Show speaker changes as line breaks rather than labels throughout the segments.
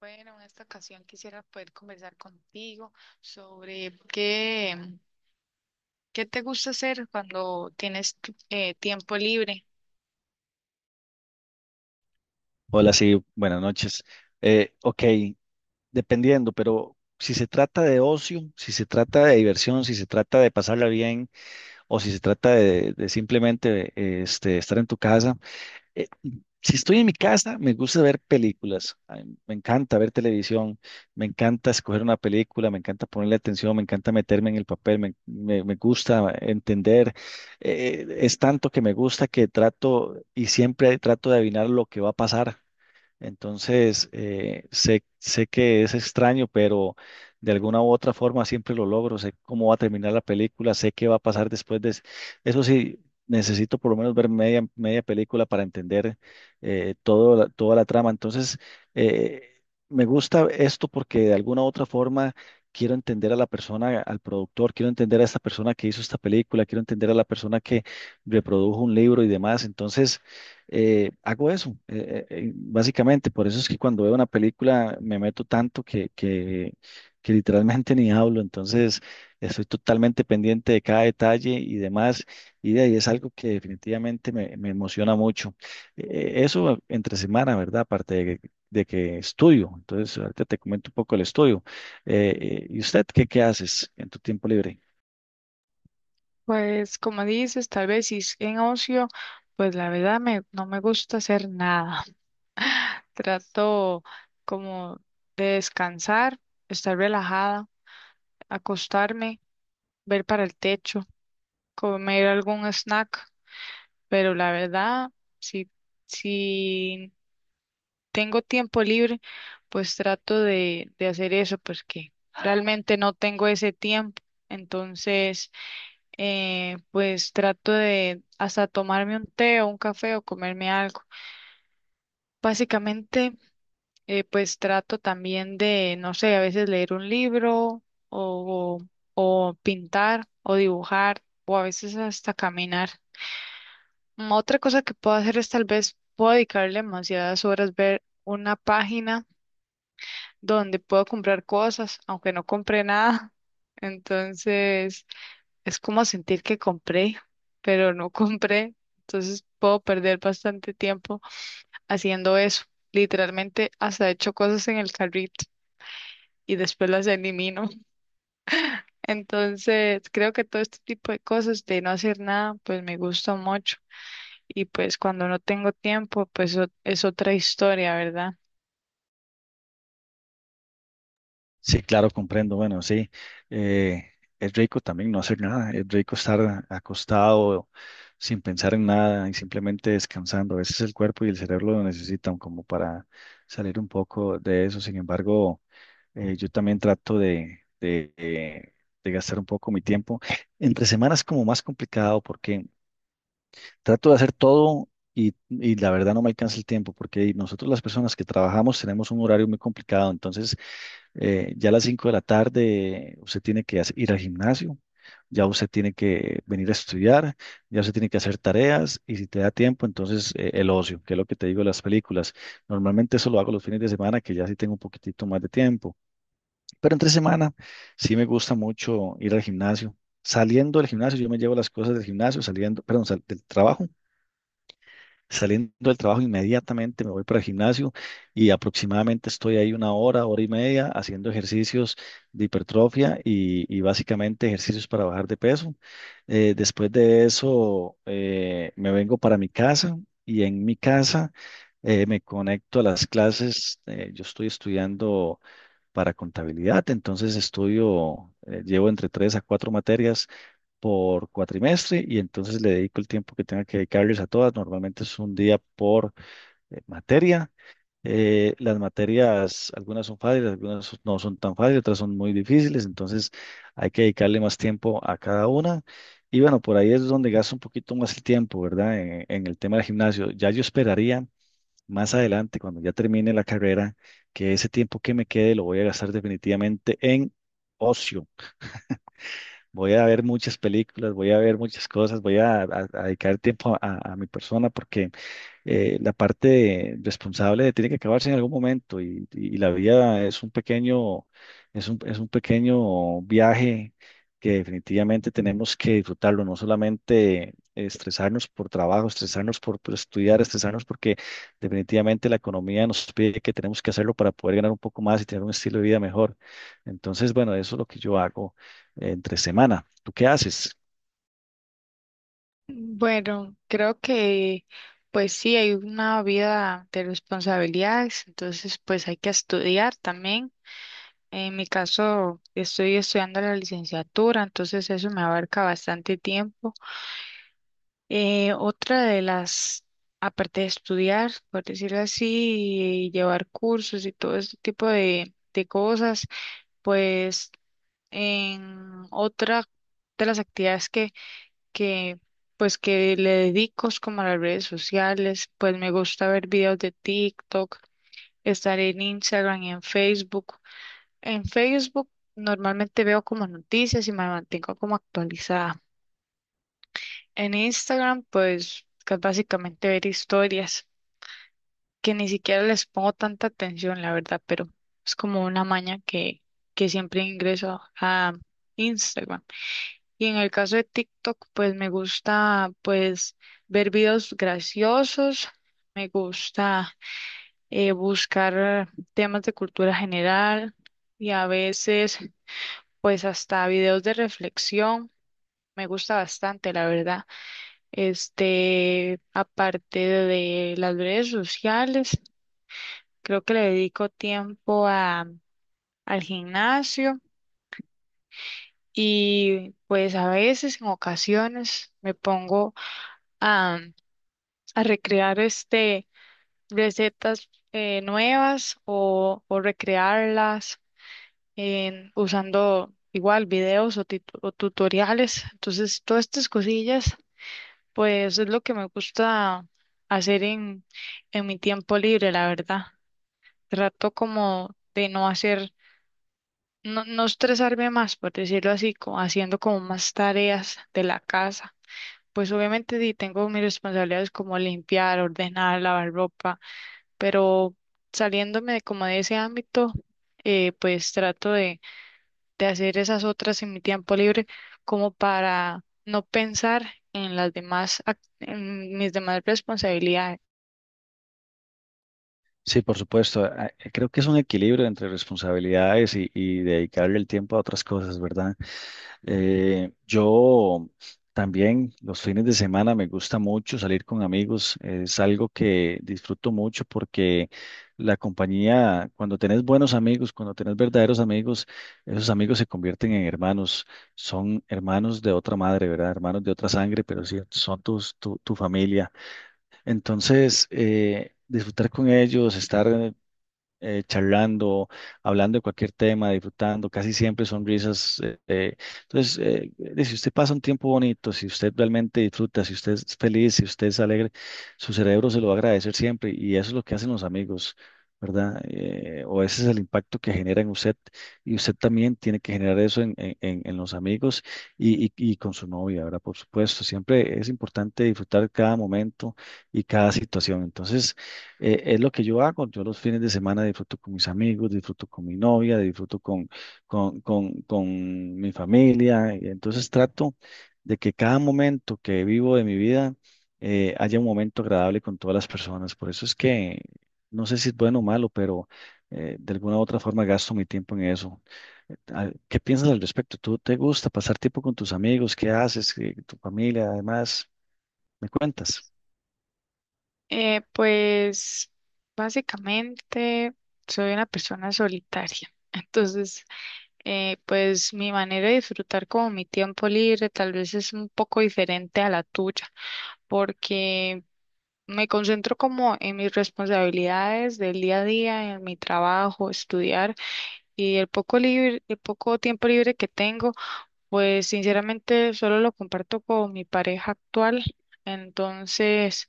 Bueno, en esta ocasión quisiera poder conversar contigo sobre qué te gusta hacer cuando tienes tiempo libre.
Hola, sí, buenas noches. Eh, ok, Dependiendo, pero si se trata de ocio, si se trata de diversión, si se trata de pasarla bien o si se trata de simplemente estar en tu casa, eh, si estoy en mi casa, me gusta ver películas. Ay, me encanta ver televisión, me encanta escoger una película, me encanta ponerle atención, me encanta meterme en el papel, me gusta entender, es tanto que me gusta que trato y siempre trato de adivinar lo que va a pasar. Entonces, sé que es extraño, pero de alguna u otra forma siempre lo logro. Sé cómo va a terminar la película, sé qué va a pasar después de... Eso sí, necesito por lo menos ver media película para entender toda la trama. Entonces, eh, me gusta esto porque de alguna u otra forma quiero entender a la persona, al productor, quiero entender a esta persona que hizo esta película, quiero entender a la persona que reprodujo un libro y demás. Entonces, hago eso, básicamente. Por eso es que cuando veo una película me meto tanto que literalmente ni hablo. Entonces, estoy totalmente pendiente de cada detalle y demás. Y de ahí es algo que definitivamente me emociona mucho. Eso entre semana, ¿verdad? Aparte de que estudio. Entonces, ahorita te comento un poco el estudio. ¿Y usted qué haces en tu tiempo libre?
Pues como dices, tal vez si es en ocio, pues la verdad no me gusta hacer nada. Trato como de descansar, estar relajada, acostarme, ver para el techo, comer algún snack, pero la verdad, si, si tengo tiempo libre, pues trato de hacer eso, porque realmente no tengo ese tiempo. Entonces, pues trato de hasta tomarme un té o un café o comerme algo. Básicamente, pues trato también de, no sé, a veces leer un libro o, o pintar o dibujar o a veces hasta caminar. Otra cosa que puedo hacer es tal vez puedo dedicarle demasiadas horas ver una página donde puedo comprar cosas, aunque no compré nada. Entonces, es como sentir que compré, pero no compré. Entonces, puedo perder bastante tiempo haciendo eso. Literalmente, hasta he hecho cosas en el carrito y después las elimino. Entonces, creo que todo este tipo de cosas de no hacer nada, pues me gusta mucho. Y pues cuando no tengo tiempo, pues es otra historia, ¿verdad?
Sí, claro, comprendo. Bueno, sí, eh, es rico también no hacer nada, es rico estar acostado sin pensar en nada y simplemente descansando. A veces el cuerpo y el cerebro lo necesitan como para salir un poco de eso. Sin embargo, yo también trato de gastar un poco mi tiempo. Entre semanas es como más complicado porque trato de hacer todo y la verdad no me alcanza el tiempo porque nosotros las personas que trabajamos tenemos un horario muy complicado. Entonces, ya a las 5 de la tarde usted tiene que ir al gimnasio, ya usted tiene que venir a estudiar, ya usted tiene que hacer tareas y si te da tiempo, entonces el ocio, que es lo que te digo de las películas. Normalmente eso lo hago los fines de semana, que ya sí tengo un poquitito más de tiempo, pero entre semana sí me gusta mucho ir al gimnasio. Saliendo del gimnasio, yo me llevo las cosas del gimnasio, saliendo, perdón, del trabajo. Saliendo del trabajo inmediatamente me voy para el gimnasio y aproximadamente estoy ahí una hora, hora y media haciendo ejercicios de hipertrofia y básicamente ejercicios para bajar de peso. Después de eso me vengo para mi casa y en mi casa me conecto a las clases. Yo estoy estudiando para contabilidad, entonces estudio, llevo entre 3 a 4 materias por cuatrimestre y entonces le dedico el tiempo que tenga que dedicarles a todas. Normalmente es un día por materia. Las materias, algunas son fáciles, no son tan fáciles, otras son muy difíciles, entonces hay que dedicarle más tiempo a cada una. Y bueno, por ahí es donde gasto un poquito más el tiempo, ¿verdad? En el tema del gimnasio. Ya yo esperaría más adelante, cuando ya termine la carrera, que ese tiempo que me quede lo voy a gastar definitivamente en ocio. Voy a ver muchas películas, voy a ver muchas cosas, voy a dedicar tiempo a mi persona porque la parte responsable tiene que acabarse en algún momento y la vida es un pequeño, es es un pequeño viaje que definitivamente tenemos que disfrutarlo, no solamente estresarnos por trabajo, estresarnos por estudiar, estresarnos porque definitivamente la economía nos pide que tenemos que hacerlo para poder ganar un poco más y tener un estilo de vida mejor. Entonces, bueno, eso es lo que yo hago entre semana. ¿Tú qué haces?
Bueno, creo que pues sí, hay una vida de responsabilidades, entonces pues hay que estudiar también. En mi caso, estoy estudiando la licenciatura, entonces eso me abarca bastante tiempo. Otra de aparte de estudiar, por decirlo así, y llevar cursos y todo este tipo de cosas, pues en otra de las actividades que pues que le dedico es como a las redes sociales, pues me gusta ver videos de TikTok, estar en Instagram y en Facebook. En Facebook normalmente veo como noticias y me mantengo como actualizada. En Instagram pues que es básicamente ver historias que ni siquiera les pongo tanta atención, la verdad, pero es como una maña que siempre ingreso a Instagram. Y en el caso de TikTok, pues me gusta pues ver videos graciosos, me gusta buscar temas de cultura general y a veces pues hasta videos de reflexión. Me gusta bastante, la verdad. Este, aparte de las redes sociales, creo que le dedico tiempo al gimnasio y pues a veces, en ocasiones, me pongo a recrear este recetas nuevas o recrearlas usando igual videos o, o tutoriales. Entonces, todas estas cosillas, pues es lo que me gusta hacer en mi tiempo libre, la verdad. Trato como de no no estresarme más, por decirlo así, como haciendo como más tareas de la casa. Pues obviamente sí, tengo mis responsabilidades como limpiar, ordenar, lavar ropa, pero saliéndome de como de ese ámbito, pues trato de hacer esas otras en mi tiempo libre como para no pensar en las demás, en mis demás responsabilidades.
Sí, por supuesto. Creo que es un equilibrio entre responsabilidades y dedicarle el tiempo a otras cosas, ¿verdad? Yo también los fines de semana me gusta mucho salir con amigos. Es algo que disfruto mucho porque la compañía, cuando tenés buenos amigos, cuando tenés verdaderos amigos, esos amigos se convierten en hermanos. Son hermanos de otra madre, ¿verdad? Hermanos de otra sangre, pero sí, son tu familia. Entonces, disfrutar con ellos, estar charlando, hablando de cualquier tema, disfrutando, casi siempre son risas. Entonces, si usted pasa un tiempo bonito, si usted realmente disfruta, si usted es feliz, si usted es alegre, su cerebro se lo va a agradecer siempre y eso es lo que hacen los amigos. ¿Verdad? O ese es el impacto que genera en usted y usted también tiene que generar eso en los amigos y con su novia, ¿verdad? Por supuesto, siempre es importante disfrutar cada momento y cada situación. Entonces, es lo que yo hago. Yo los fines de semana disfruto con mis amigos, disfruto con mi novia, disfruto con mi familia. Entonces trato de que cada momento que vivo de mi vida haya un momento agradable con todas las personas. Por eso es que no sé si es bueno o malo, pero de alguna u otra forma gasto mi tiempo en eso. ¿Qué piensas al respecto? ¿Tú te gusta pasar tiempo con tus amigos? ¿Qué haces? ¿Tu familia? Además, ¿me cuentas?
Pues básicamente soy una persona solitaria. Entonces, pues mi manera de disfrutar como mi tiempo libre tal vez es un poco diferente a la tuya, porque me concentro como en mis responsabilidades del día a día, en mi trabajo, estudiar y el poco el poco tiempo libre que tengo, pues sinceramente solo lo comparto con mi pareja actual. Entonces,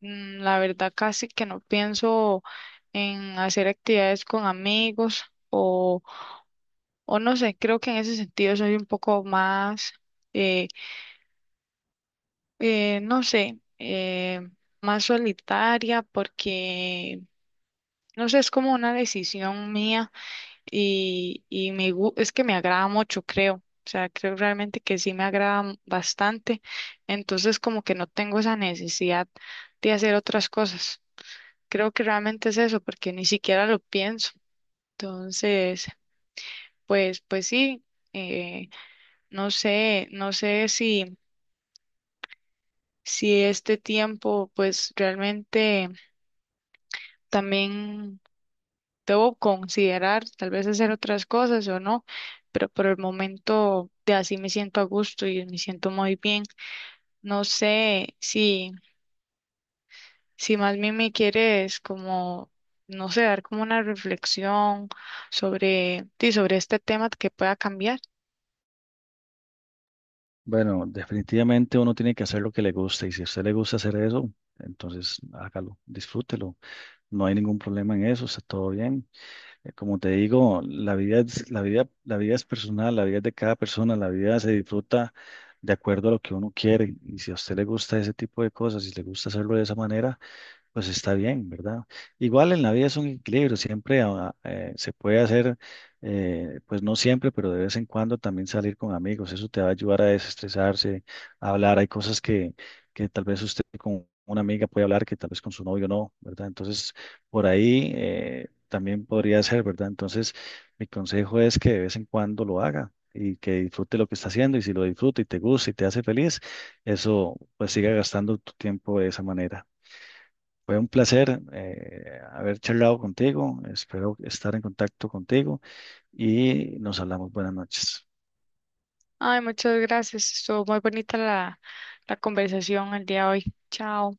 la verdad casi que no pienso en hacer actividades con amigos o, o no sé, creo que en ese sentido soy un poco eh, no sé, más solitaria porque no sé, es como una decisión mía y es que me agrada mucho, creo. O sea, creo realmente que sí me agrada bastante. Entonces, como que no tengo esa necesidad de hacer otras cosas. Creo que realmente es eso, porque ni siquiera lo pienso. Entonces, pues sí, eh, no sé, no sé si este tiempo, pues realmente también debo considerar, tal vez hacer otras cosas o no, pero por el momento de así me siento a gusto y me siento muy bien. No sé si más bien me quieres no sé, dar como una reflexión sí, sobre este tema que pueda cambiar.
Bueno, definitivamente uno tiene que hacer lo que le gusta y si a usted le gusta hacer eso, entonces hágalo, disfrútelo. No hay ningún problema en eso, está todo bien. Como te digo, la vida es personal, la vida es de cada persona, la vida se disfruta de acuerdo a lo que uno quiere y si a usted le gusta ese tipo de cosas, si le gusta hacerlo de esa manera, pues está bien, ¿verdad? Igual en la vida es un equilibrio, siempre se puede hacer, pues no siempre, pero de vez en cuando también salir con amigos, eso te va a ayudar a desestresarse, a hablar, hay cosas que tal vez usted con una amiga puede hablar que tal vez con su novio no, ¿verdad? Entonces, por ahí también podría ser, ¿verdad? Entonces, mi consejo es que de vez en cuando lo haga. Y que disfrute lo que está haciendo y si lo disfruta y te gusta y te hace feliz, eso pues siga gastando tu tiempo de esa manera. Fue un placer haber charlado contigo. Espero estar en contacto contigo y nos hablamos. Buenas noches.
Ay, muchas gracias. Estuvo muy bonita la conversación el día de hoy. Chao.